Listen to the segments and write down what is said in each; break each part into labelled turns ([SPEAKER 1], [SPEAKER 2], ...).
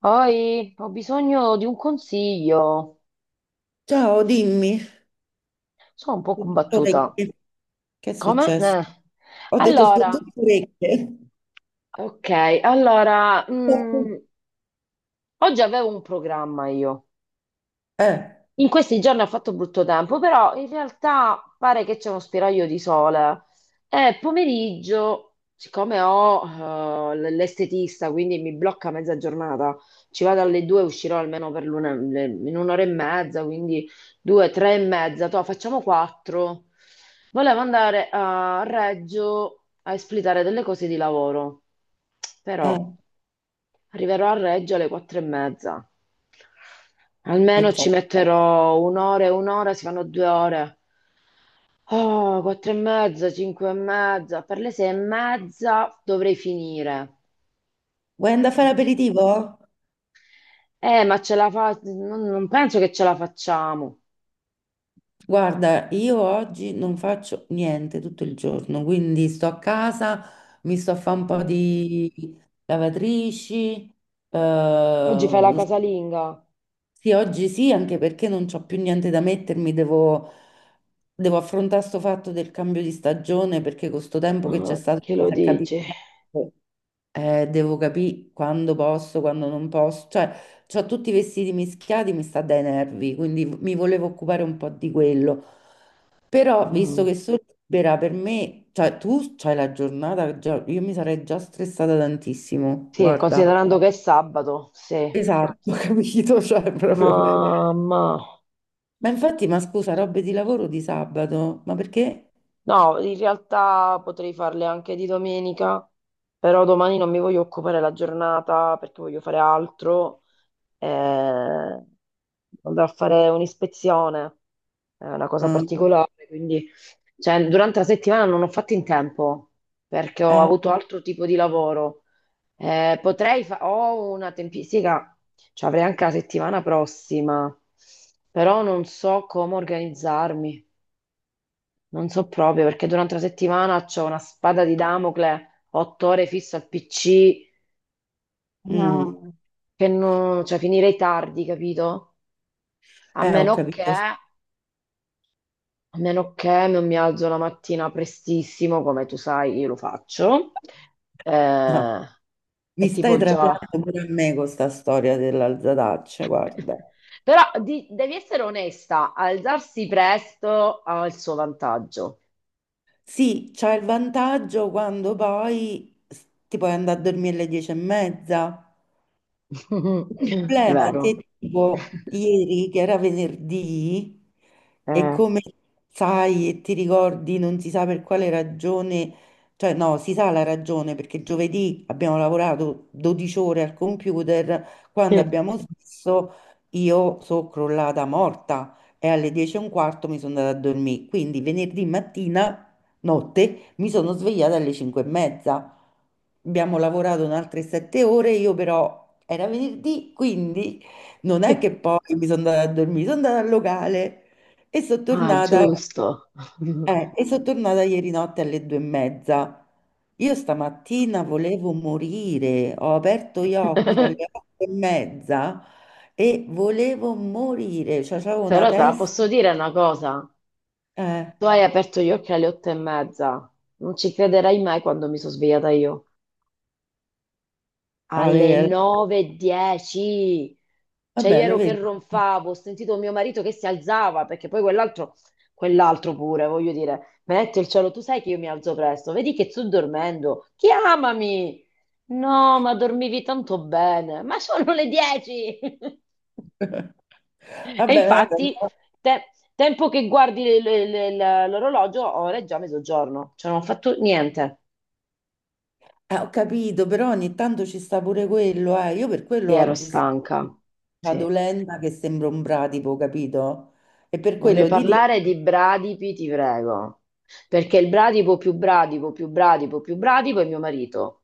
[SPEAKER 1] Poi ho bisogno di un consiglio.
[SPEAKER 2] Ciao, dimmi,
[SPEAKER 1] Sono un po'
[SPEAKER 2] sono tutto
[SPEAKER 1] combattuta.
[SPEAKER 2] orecchie. Che è
[SPEAKER 1] Come?
[SPEAKER 2] successo? Ho detto sono
[SPEAKER 1] Allora,
[SPEAKER 2] tutto orecchie.
[SPEAKER 1] ok, allora, oggi avevo un programma io.
[SPEAKER 2] Eh,
[SPEAKER 1] In questi giorni ha fatto brutto tempo, però in realtà pare che c'è uno spiraglio di sole. E pomeriggio, siccome ho l'estetista, quindi mi blocca mezza giornata, ci vado alle due, uscirò almeno per l'una, in un'ora e mezza, quindi due, tre e mezza, toh, facciamo quattro. Volevo andare a Reggio a espletare delle cose di lavoro, però
[SPEAKER 2] eh,
[SPEAKER 1] arriverò a Reggio alle quattro e mezza. Almeno
[SPEAKER 2] ciao.
[SPEAKER 1] ci metterò un'ora e un'ora, si fanno 2 ore. Oh, quattro e mezza, cinque e mezza, per le sei e mezza dovrei finire.
[SPEAKER 2] Vuoi andare a fare aperitivo?
[SPEAKER 1] Ma ce la fa... Non penso che ce la facciamo.
[SPEAKER 2] Guarda, io oggi non faccio niente tutto il giorno, quindi sto a casa, mi sto a fare un po'
[SPEAKER 1] Mm.
[SPEAKER 2] di lavatrici,
[SPEAKER 1] Oggi fai la
[SPEAKER 2] eh,
[SPEAKER 1] casalinga?
[SPEAKER 2] sì, oggi sì, anche perché non c'ho più niente da mettermi, devo affrontare sto fatto del cambio di stagione perché con sto tempo che
[SPEAKER 1] Mm,
[SPEAKER 2] c'è stato
[SPEAKER 1] che lo
[SPEAKER 2] senza capire
[SPEAKER 1] dici?
[SPEAKER 2] niente, devo capire quando posso, quando non posso, cioè ho tutti i vestiti mischiati, mi sta dai nervi, quindi mi volevo occupare un po' di quello, però visto
[SPEAKER 1] Mm.
[SPEAKER 2] che sono libera per me, cioè tu c'hai la giornata, io mi sarei già stressata tantissimo,
[SPEAKER 1] Sì,
[SPEAKER 2] guarda.
[SPEAKER 1] considerando che è sabato, sì.
[SPEAKER 2] Esatto, ho capito, cioè proprio...
[SPEAKER 1] Ma, ma-
[SPEAKER 2] Ma infatti, ma scusa, robe di lavoro di sabato, ma perché?
[SPEAKER 1] no, in realtà potrei farle anche di domenica, però domani non mi voglio occupare la giornata perché voglio fare altro. Eh, andrò a fare un'ispezione, è una cosa
[SPEAKER 2] Ah,
[SPEAKER 1] particolare, quindi cioè, durante la settimana non ho fatto in tempo perché ho
[SPEAKER 2] eh,
[SPEAKER 1] avuto altro tipo di lavoro. Potrei fare, ho una tempistica, cioè avrei anche la settimana prossima, però non so come organizzarmi, non so proprio perché durante la settimana ho una spada di Damocle, 8 ore fisso al PC.
[SPEAKER 2] mm,
[SPEAKER 1] No. Che non, cioè finirei tardi, capito? A
[SPEAKER 2] ho
[SPEAKER 1] meno che,
[SPEAKER 2] capito. Sì.
[SPEAKER 1] a meno che non mi alzo la mattina prestissimo, come tu sai, io lo faccio,
[SPEAKER 2] No,
[SPEAKER 1] eh,
[SPEAKER 2] mi
[SPEAKER 1] è
[SPEAKER 2] stai
[SPEAKER 1] tipo già.
[SPEAKER 2] trapiando pure a me con sta storia dell'alzataccia, guarda.
[SPEAKER 1] Però devi essere onesta, alzarsi presto ha il suo vantaggio.
[SPEAKER 2] Sì, c'ha il vantaggio quando poi ti puoi andare a dormire alle 10:30. Il problema è
[SPEAKER 1] Vero?
[SPEAKER 2] che tipo ieri, che era venerdì, e
[SPEAKER 1] Eh.
[SPEAKER 2] come sai e ti ricordi, non si sa per quale ragione, cioè no, si sa la ragione perché giovedì abbiamo lavorato 12 ore al computer, quando abbiamo smesso io sono crollata morta e alle 10 e un quarto mi sono andata a dormire, quindi venerdì mattina, notte, mi sono svegliata alle 5 e mezza, abbiamo lavorato un'altra 7 ore, io però era venerdì, quindi non è che poi mi sono andata a dormire, sono andata al locale e sono
[SPEAKER 1] Ah,
[SPEAKER 2] tornata,
[SPEAKER 1] giusto.
[SPEAKER 2] e sono tornata ieri notte alle 2:30. Io stamattina volevo morire, ho aperto gli occhi
[SPEAKER 1] Però
[SPEAKER 2] alle 8:30 e volevo morire, cioè avevo
[SPEAKER 1] te
[SPEAKER 2] una
[SPEAKER 1] la
[SPEAKER 2] testa,
[SPEAKER 1] posso dire una cosa.
[SPEAKER 2] eh,
[SPEAKER 1] Tu hai aperto gli occhi alle otto e mezza. Non ci crederai mai quando mi sono svegliata io. Alle
[SPEAKER 2] alle-
[SPEAKER 1] nove e dieci. Cioè, io
[SPEAKER 2] vabbè lo
[SPEAKER 1] ero che
[SPEAKER 2] vedi.
[SPEAKER 1] ronfavo, ho sentito mio marito che si alzava, perché poi quell'altro, quell'altro pure, voglio dire, metti il cielo, tu sai che io mi alzo presto, vedi che sto dormendo, chiamami! No, ma dormivi tanto bene, ma sono le 10! E
[SPEAKER 2] Vabbè, vabbè,
[SPEAKER 1] infatti, te- tempo che guardi l'orologio, ora è già mezzogiorno, cioè non ho fatto niente.
[SPEAKER 2] eh, ho capito, però ogni tanto ci sta pure quello, eh. Io per
[SPEAKER 1] Sì,
[SPEAKER 2] quello
[SPEAKER 1] ero
[SPEAKER 2] oggi sto
[SPEAKER 1] stanca,
[SPEAKER 2] vado
[SPEAKER 1] sì.
[SPEAKER 2] lenta che sembro un bradipo, capito? E per
[SPEAKER 1] Non mi
[SPEAKER 2] quello ti dico...
[SPEAKER 1] parlare di bradipi, ti prego, perché il bradipo più bradipo più bradipo più bradipo è mio marito.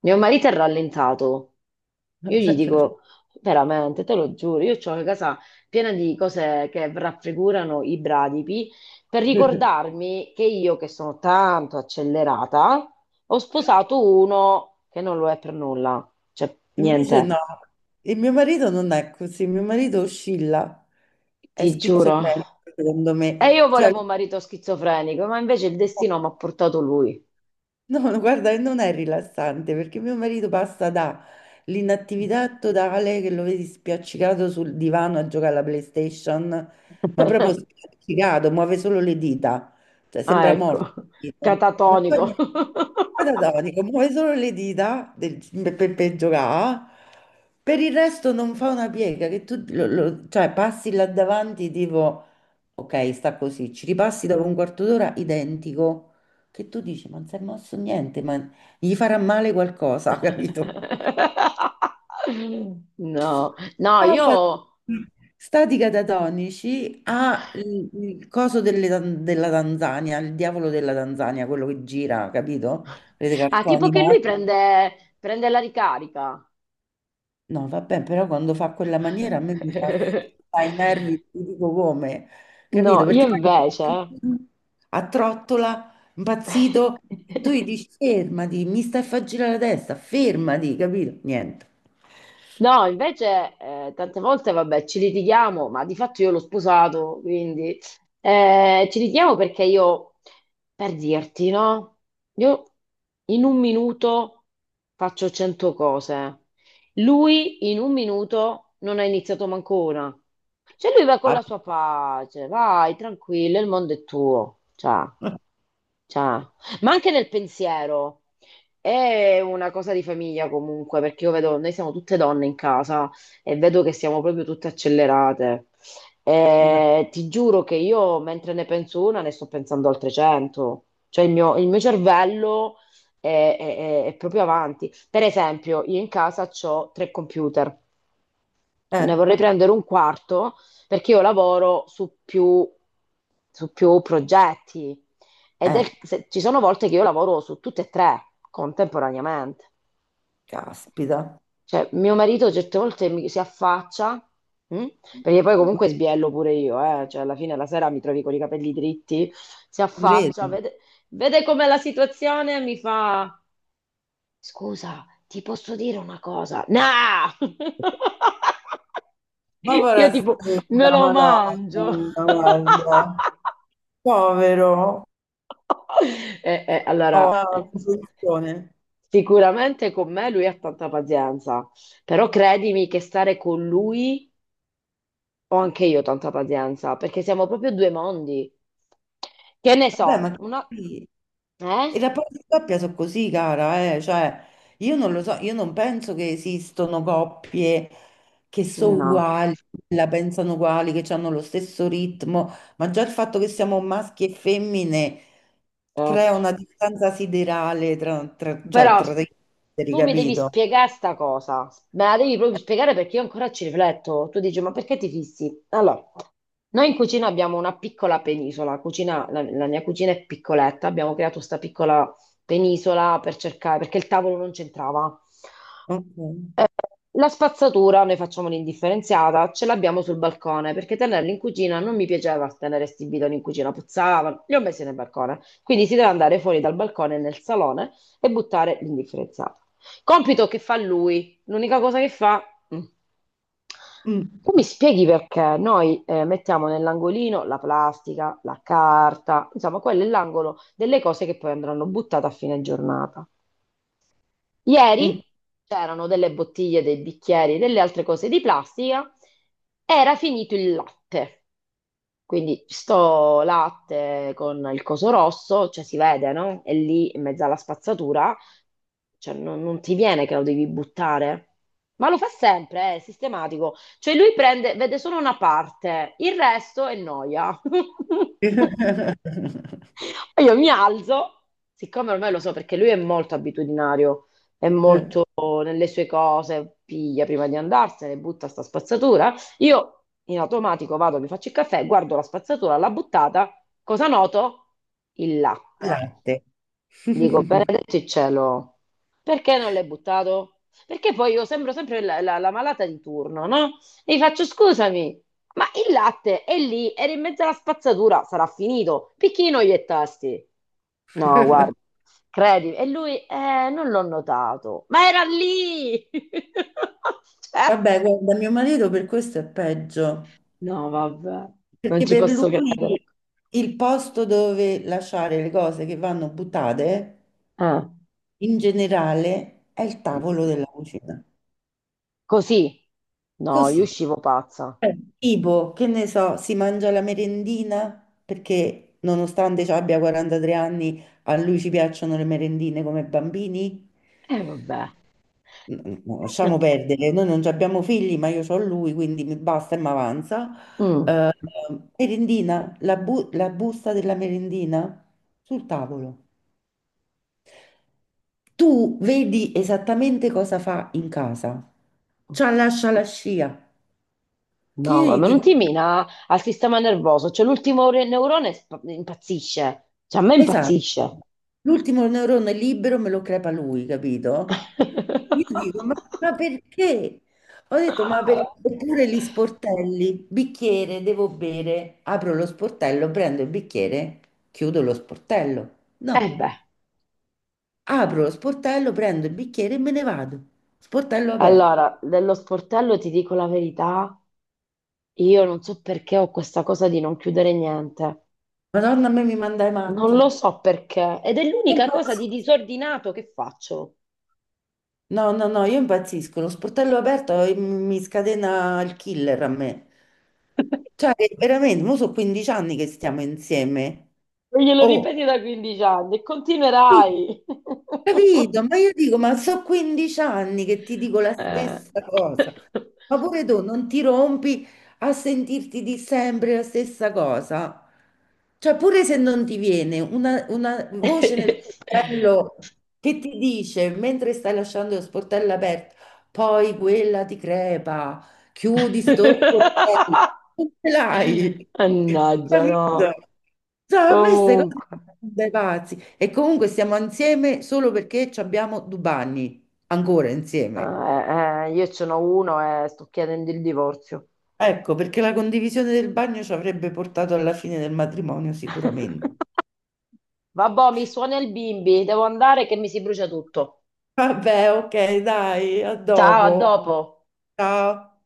[SPEAKER 1] Mio marito è rallentato. Io gli dico, veramente, te lo giuro, io ho una casa piena di cose che raffigurano i bradipi per ricordarmi che io, che sono tanto accelerata, ho sposato uno che non lo è per nulla. Cioè,
[SPEAKER 2] Invece
[SPEAKER 1] niente,
[SPEAKER 2] no, il mio marito non è così, il mio marito oscilla, è
[SPEAKER 1] ti giuro.
[SPEAKER 2] schizofrenico secondo
[SPEAKER 1] E io
[SPEAKER 2] me. Cioè,
[SPEAKER 1] volevo un marito schizofrenico, ma invece il destino mi ha portato lui.
[SPEAKER 2] no, no, guarda, e non è rilassante perché mio marito passa dall'inattività totale che lo vedi spiaccicato sul divano a giocare alla PlayStation, ma proprio spiaccicato, muove solo le dita, cioè
[SPEAKER 1] Ah,
[SPEAKER 2] sembra
[SPEAKER 1] ecco,
[SPEAKER 2] morto. Tipo. Non fa
[SPEAKER 1] catatonico.
[SPEAKER 2] niente. Catatonico, muove solo le dita per, per giocare, per il resto non fa una piega, che tu cioè, passi là davanti tipo, ok, sta così, ci ripassi dopo un quarto d'ora identico che tu dici, ma non si è mosso niente, ma gli farà male qualcosa, capito?
[SPEAKER 1] No, no, io...
[SPEAKER 2] Casa stati catatonici ha il coso della Tanzania, il diavolo della Tanzania, quello che gira, capito? Vedete
[SPEAKER 1] Ah,
[SPEAKER 2] cartoni
[SPEAKER 1] tipo che lui
[SPEAKER 2] animati.
[SPEAKER 1] prende, prende la ricarica.
[SPEAKER 2] No, vabbè, però quando fa quella maniera a me mi fa, fa i nervi, ti dico come,
[SPEAKER 1] No,
[SPEAKER 2] capito?
[SPEAKER 1] io
[SPEAKER 2] Perché
[SPEAKER 1] invece...
[SPEAKER 2] poi a trottola, impazzito, tu gli dici fermati, mi stai a far girare la testa, fermati, capito? Niente.
[SPEAKER 1] No, invece tante volte, vabbè, ci litighiamo, ma di fatto io l'ho sposato, quindi ci litighiamo perché io, per dirti, no? Io in un minuto faccio 100 cose. Lui in un minuto non ha iniziato manco una. Cioè lui va con
[SPEAKER 2] Ah,
[SPEAKER 1] la sua pace, vai, tranquillo, il mondo è tuo. Ciao, ciao. Ma anche nel pensiero. È una cosa di famiglia comunque, perché io vedo, noi siamo tutte donne in casa e vedo che siamo proprio tutte accelerate. E ti giuro che io, mentre ne penso una, ne sto pensando altre 100. Cioè il mio cervello è, è- è proprio avanti. Per esempio, io in casa ho tre computer,
[SPEAKER 2] Eh,
[SPEAKER 1] ne vorrei prendere un quarto perché io lavoro su più progetti ed è-
[SPEAKER 2] eh,
[SPEAKER 1] se- ci sono volte che io lavoro su tutte e tre contemporaneamente.
[SPEAKER 2] caspita.
[SPEAKER 1] Cioè, mio marito certe volte si affaccia, mh? Perché poi
[SPEAKER 2] Non
[SPEAKER 1] comunque sbiello pure io, eh? Cioè, alla fine la sera mi trovi con i capelli dritti, si
[SPEAKER 2] ci
[SPEAKER 1] affaccia,
[SPEAKER 2] credo.
[SPEAKER 1] vede com'è la situazione e mi fa, scusa, ti posso dire una cosa? No!
[SPEAKER 2] Ma povera
[SPEAKER 1] Io tipo, me
[SPEAKER 2] stella,
[SPEAKER 1] lo
[SPEAKER 2] madonna
[SPEAKER 1] mangio.
[SPEAKER 2] mia, guarda. Povero.
[SPEAKER 1] Eh, eh,
[SPEAKER 2] Oh,
[SPEAKER 1] allora,
[SPEAKER 2] una
[SPEAKER 1] eh,
[SPEAKER 2] comprensione.
[SPEAKER 1] sicuramente con me lui ha tanta pazienza, però credimi che stare con lui ho anche io tanta pazienza, perché siamo proprio due mondi. Che ne
[SPEAKER 2] Vabbè,
[SPEAKER 1] so,
[SPEAKER 2] ma
[SPEAKER 1] una...
[SPEAKER 2] sì.
[SPEAKER 1] Eh?
[SPEAKER 2] I rapporti di coppia sono così, cara, eh. Cioè, io non lo so, io non penso che esistano coppie che sono
[SPEAKER 1] No,
[SPEAKER 2] uguali, la pensano uguali, che hanno lo stesso ritmo, ma già il fatto che siamo maschi e femmine crea
[SPEAKER 1] ecco.
[SPEAKER 2] una distanza siderale cioè,
[SPEAKER 1] Però
[SPEAKER 2] tra gli esseri,
[SPEAKER 1] tu mi devi
[SPEAKER 2] capito?
[SPEAKER 1] spiegare sta cosa, me la devi proprio spiegare perché io ancora ci rifletto. Tu dici, ma perché ti fissi? Allora, noi in cucina abbiamo una piccola penisola, la mia cucina è piccoletta, abbiamo creato questa piccola penisola per cercare, perché il tavolo non c'entrava.
[SPEAKER 2] Ok.
[SPEAKER 1] La spazzatura, noi facciamo l'indifferenziata, ce l'abbiamo sul balcone perché tenerla in cucina non mi piaceva tenere sti bidoni in cucina, puzzavano, li ho messi nel balcone. Quindi si deve andare fuori dal balcone nel salone e buttare l'indifferenziata. Compito che fa lui, l'unica cosa che fa... mm,
[SPEAKER 2] Mm,
[SPEAKER 1] tu mi spieghi perché noi mettiamo nell'angolino la plastica, la carta, insomma, quello è l'angolo delle cose che poi andranno buttate a fine giornata. Ieri
[SPEAKER 2] mm.
[SPEAKER 1] c'erano delle bottiglie, dei bicchieri, delle altre cose di plastica. Era finito il latte. Quindi sto latte con il coso rosso, cioè si vede, no? E lì in mezzo alla spazzatura, cioè non ti viene che lo devi buttare. Ma lo fa sempre, è sistematico. Cioè lui prende, vede solo una parte, il resto è noia. E io mi alzo, siccome ormai lo so perché lui è molto abitudinario, è
[SPEAKER 2] Eh,
[SPEAKER 1] molto nelle sue cose, piglia prima di andarsene, butta sta spazzatura. Io in automatico vado, mi faccio il caffè, guardo la spazzatura, l'ha buttata, cosa noto? Il latte.
[SPEAKER 2] latte.
[SPEAKER 1] Dico, benedetto il cielo, perché non l'hai buttato? Perché poi io sembro sempre la malata di turno, no? E gli faccio, scusami, ma il latte è lì, era in mezzo alla spazzatura, sarà finito. Picchino gli e tasti. No, guarda, credi. E lui, non l'ho notato, ma era lì! Cioè,
[SPEAKER 2] Vabbè, guarda, mio marito per questo è peggio,
[SPEAKER 1] no, vabbè, non
[SPEAKER 2] perché
[SPEAKER 1] ci
[SPEAKER 2] per
[SPEAKER 1] posso credere.
[SPEAKER 2] lui il posto dove lasciare le cose che vanno buttate
[SPEAKER 1] Eh.
[SPEAKER 2] in generale è il tavolo della cucina.
[SPEAKER 1] Così? No, io
[SPEAKER 2] Così.
[SPEAKER 1] uscivo pazza.
[SPEAKER 2] Tipo, che ne so, si mangia la merendina perché nonostante ci abbia 43 anni, a lui ci piacciono le merendine come bambini.
[SPEAKER 1] E vabbè.
[SPEAKER 2] No, lasciamo perdere, noi non ci abbiamo figli, ma io ho lui, quindi mi basta e mi avanza.
[SPEAKER 1] Mm.
[SPEAKER 2] Eh, merendina, la busta della merendina sul tavolo. Tu vedi esattamente cosa fa in casa. C'ha lascia la scia. Che
[SPEAKER 1] No,
[SPEAKER 2] io
[SPEAKER 1] ma
[SPEAKER 2] gli
[SPEAKER 1] ma non
[SPEAKER 2] dico,
[SPEAKER 1] ti mina al sistema nervoso, cioè l'ultimo neurone impazzisce, cioè a me
[SPEAKER 2] esatto,
[SPEAKER 1] impazzisce.
[SPEAKER 2] l'ultimo neurone libero me lo crepa lui, capito? Io dico, ma, ma perché? Ho detto, ma perché? Oppure gli sportelli, bicchiere, devo bere, apro lo sportello, prendo il bicchiere, chiudo lo sportello.
[SPEAKER 1] E
[SPEAKER 2] No,
[SPEAKER 1] beh,
[SPEAKER 2] apro lo sportello, prendo il bicchiere e me ne vado. Sportello aperto.
[SPEAKER 1] allora, dello sportello ti dico la verità, io non so perché ho questa cosa di non chiudere niente,
[SPEAKER 2] Madonna, a me mi manda i
[SPEAKER 1] non
[SPEAKER 2] matti.
[SPEAKER 1] lo
[SPEAKER 2] Io
[SPEAKER 1] so perché, ed è l'unica cosa di
[SPEAKER 2] impazzisco.
[SPEAKER 1] disordinato che faccio.
[SPEAKER 2] No, no, no, io impazzisco. Lo sportello aperto mi scatena il killer a me. Cioè, veramente, mo sono 15 anni che stiamo insieme.
[SPEAKER 1] E glielo
[SPEAKER 2] Oh,
[SPEAKER 1] ripeti da 15 anni e
[SPEAKER 2] Sì,
[SPEAKER 1] continuerai.
[SPEAKER 2] capito? Ma io dico, ma so 15 anni che ti dico la
[SPEAKER 1] Eh.
[SPEAKER 2] stessa cosa, ma pure tu non ti rompi a sentirti di sempre la stessa cosa. Cioè, pure se non ti viene una voce nel tuo cervello che ti dice, mentre stai lasciando lo sportello aperto, poi quella ti crepa, chiudi sto sportello, non ce l'hai,
[SPEAKER 1] Mannaggia, no.
[SPEAKER 2] capito? Cioè, a me queste cose
[SPEAKER 1] Comunque,
[SPEAKER 2] mi fanno dai pazzi. E comunque stiamo insieme solo perché ci abbiamo 2 bagni, ancora insieme.
[SPEAKER 1] eh, io ce n'ho uno e sto chiedendo il divorzio.
[SPEAKER 2] Ecco, perché la condivisione del bagno ci avrebbe portato alla fine del matrimonio sicuramente.
[SPEAKER 1] Vabbè, mi suona il bimbi, devo andare che mi si brucia tutto.
[SPEAKER 2] Vabbè, ok, dai, a
[SPEAKER 1] Ciao, a
[SPEAKER 2] dopo.
[SPEAKER 1] dopo.
[SPEAKER 2] Ciao.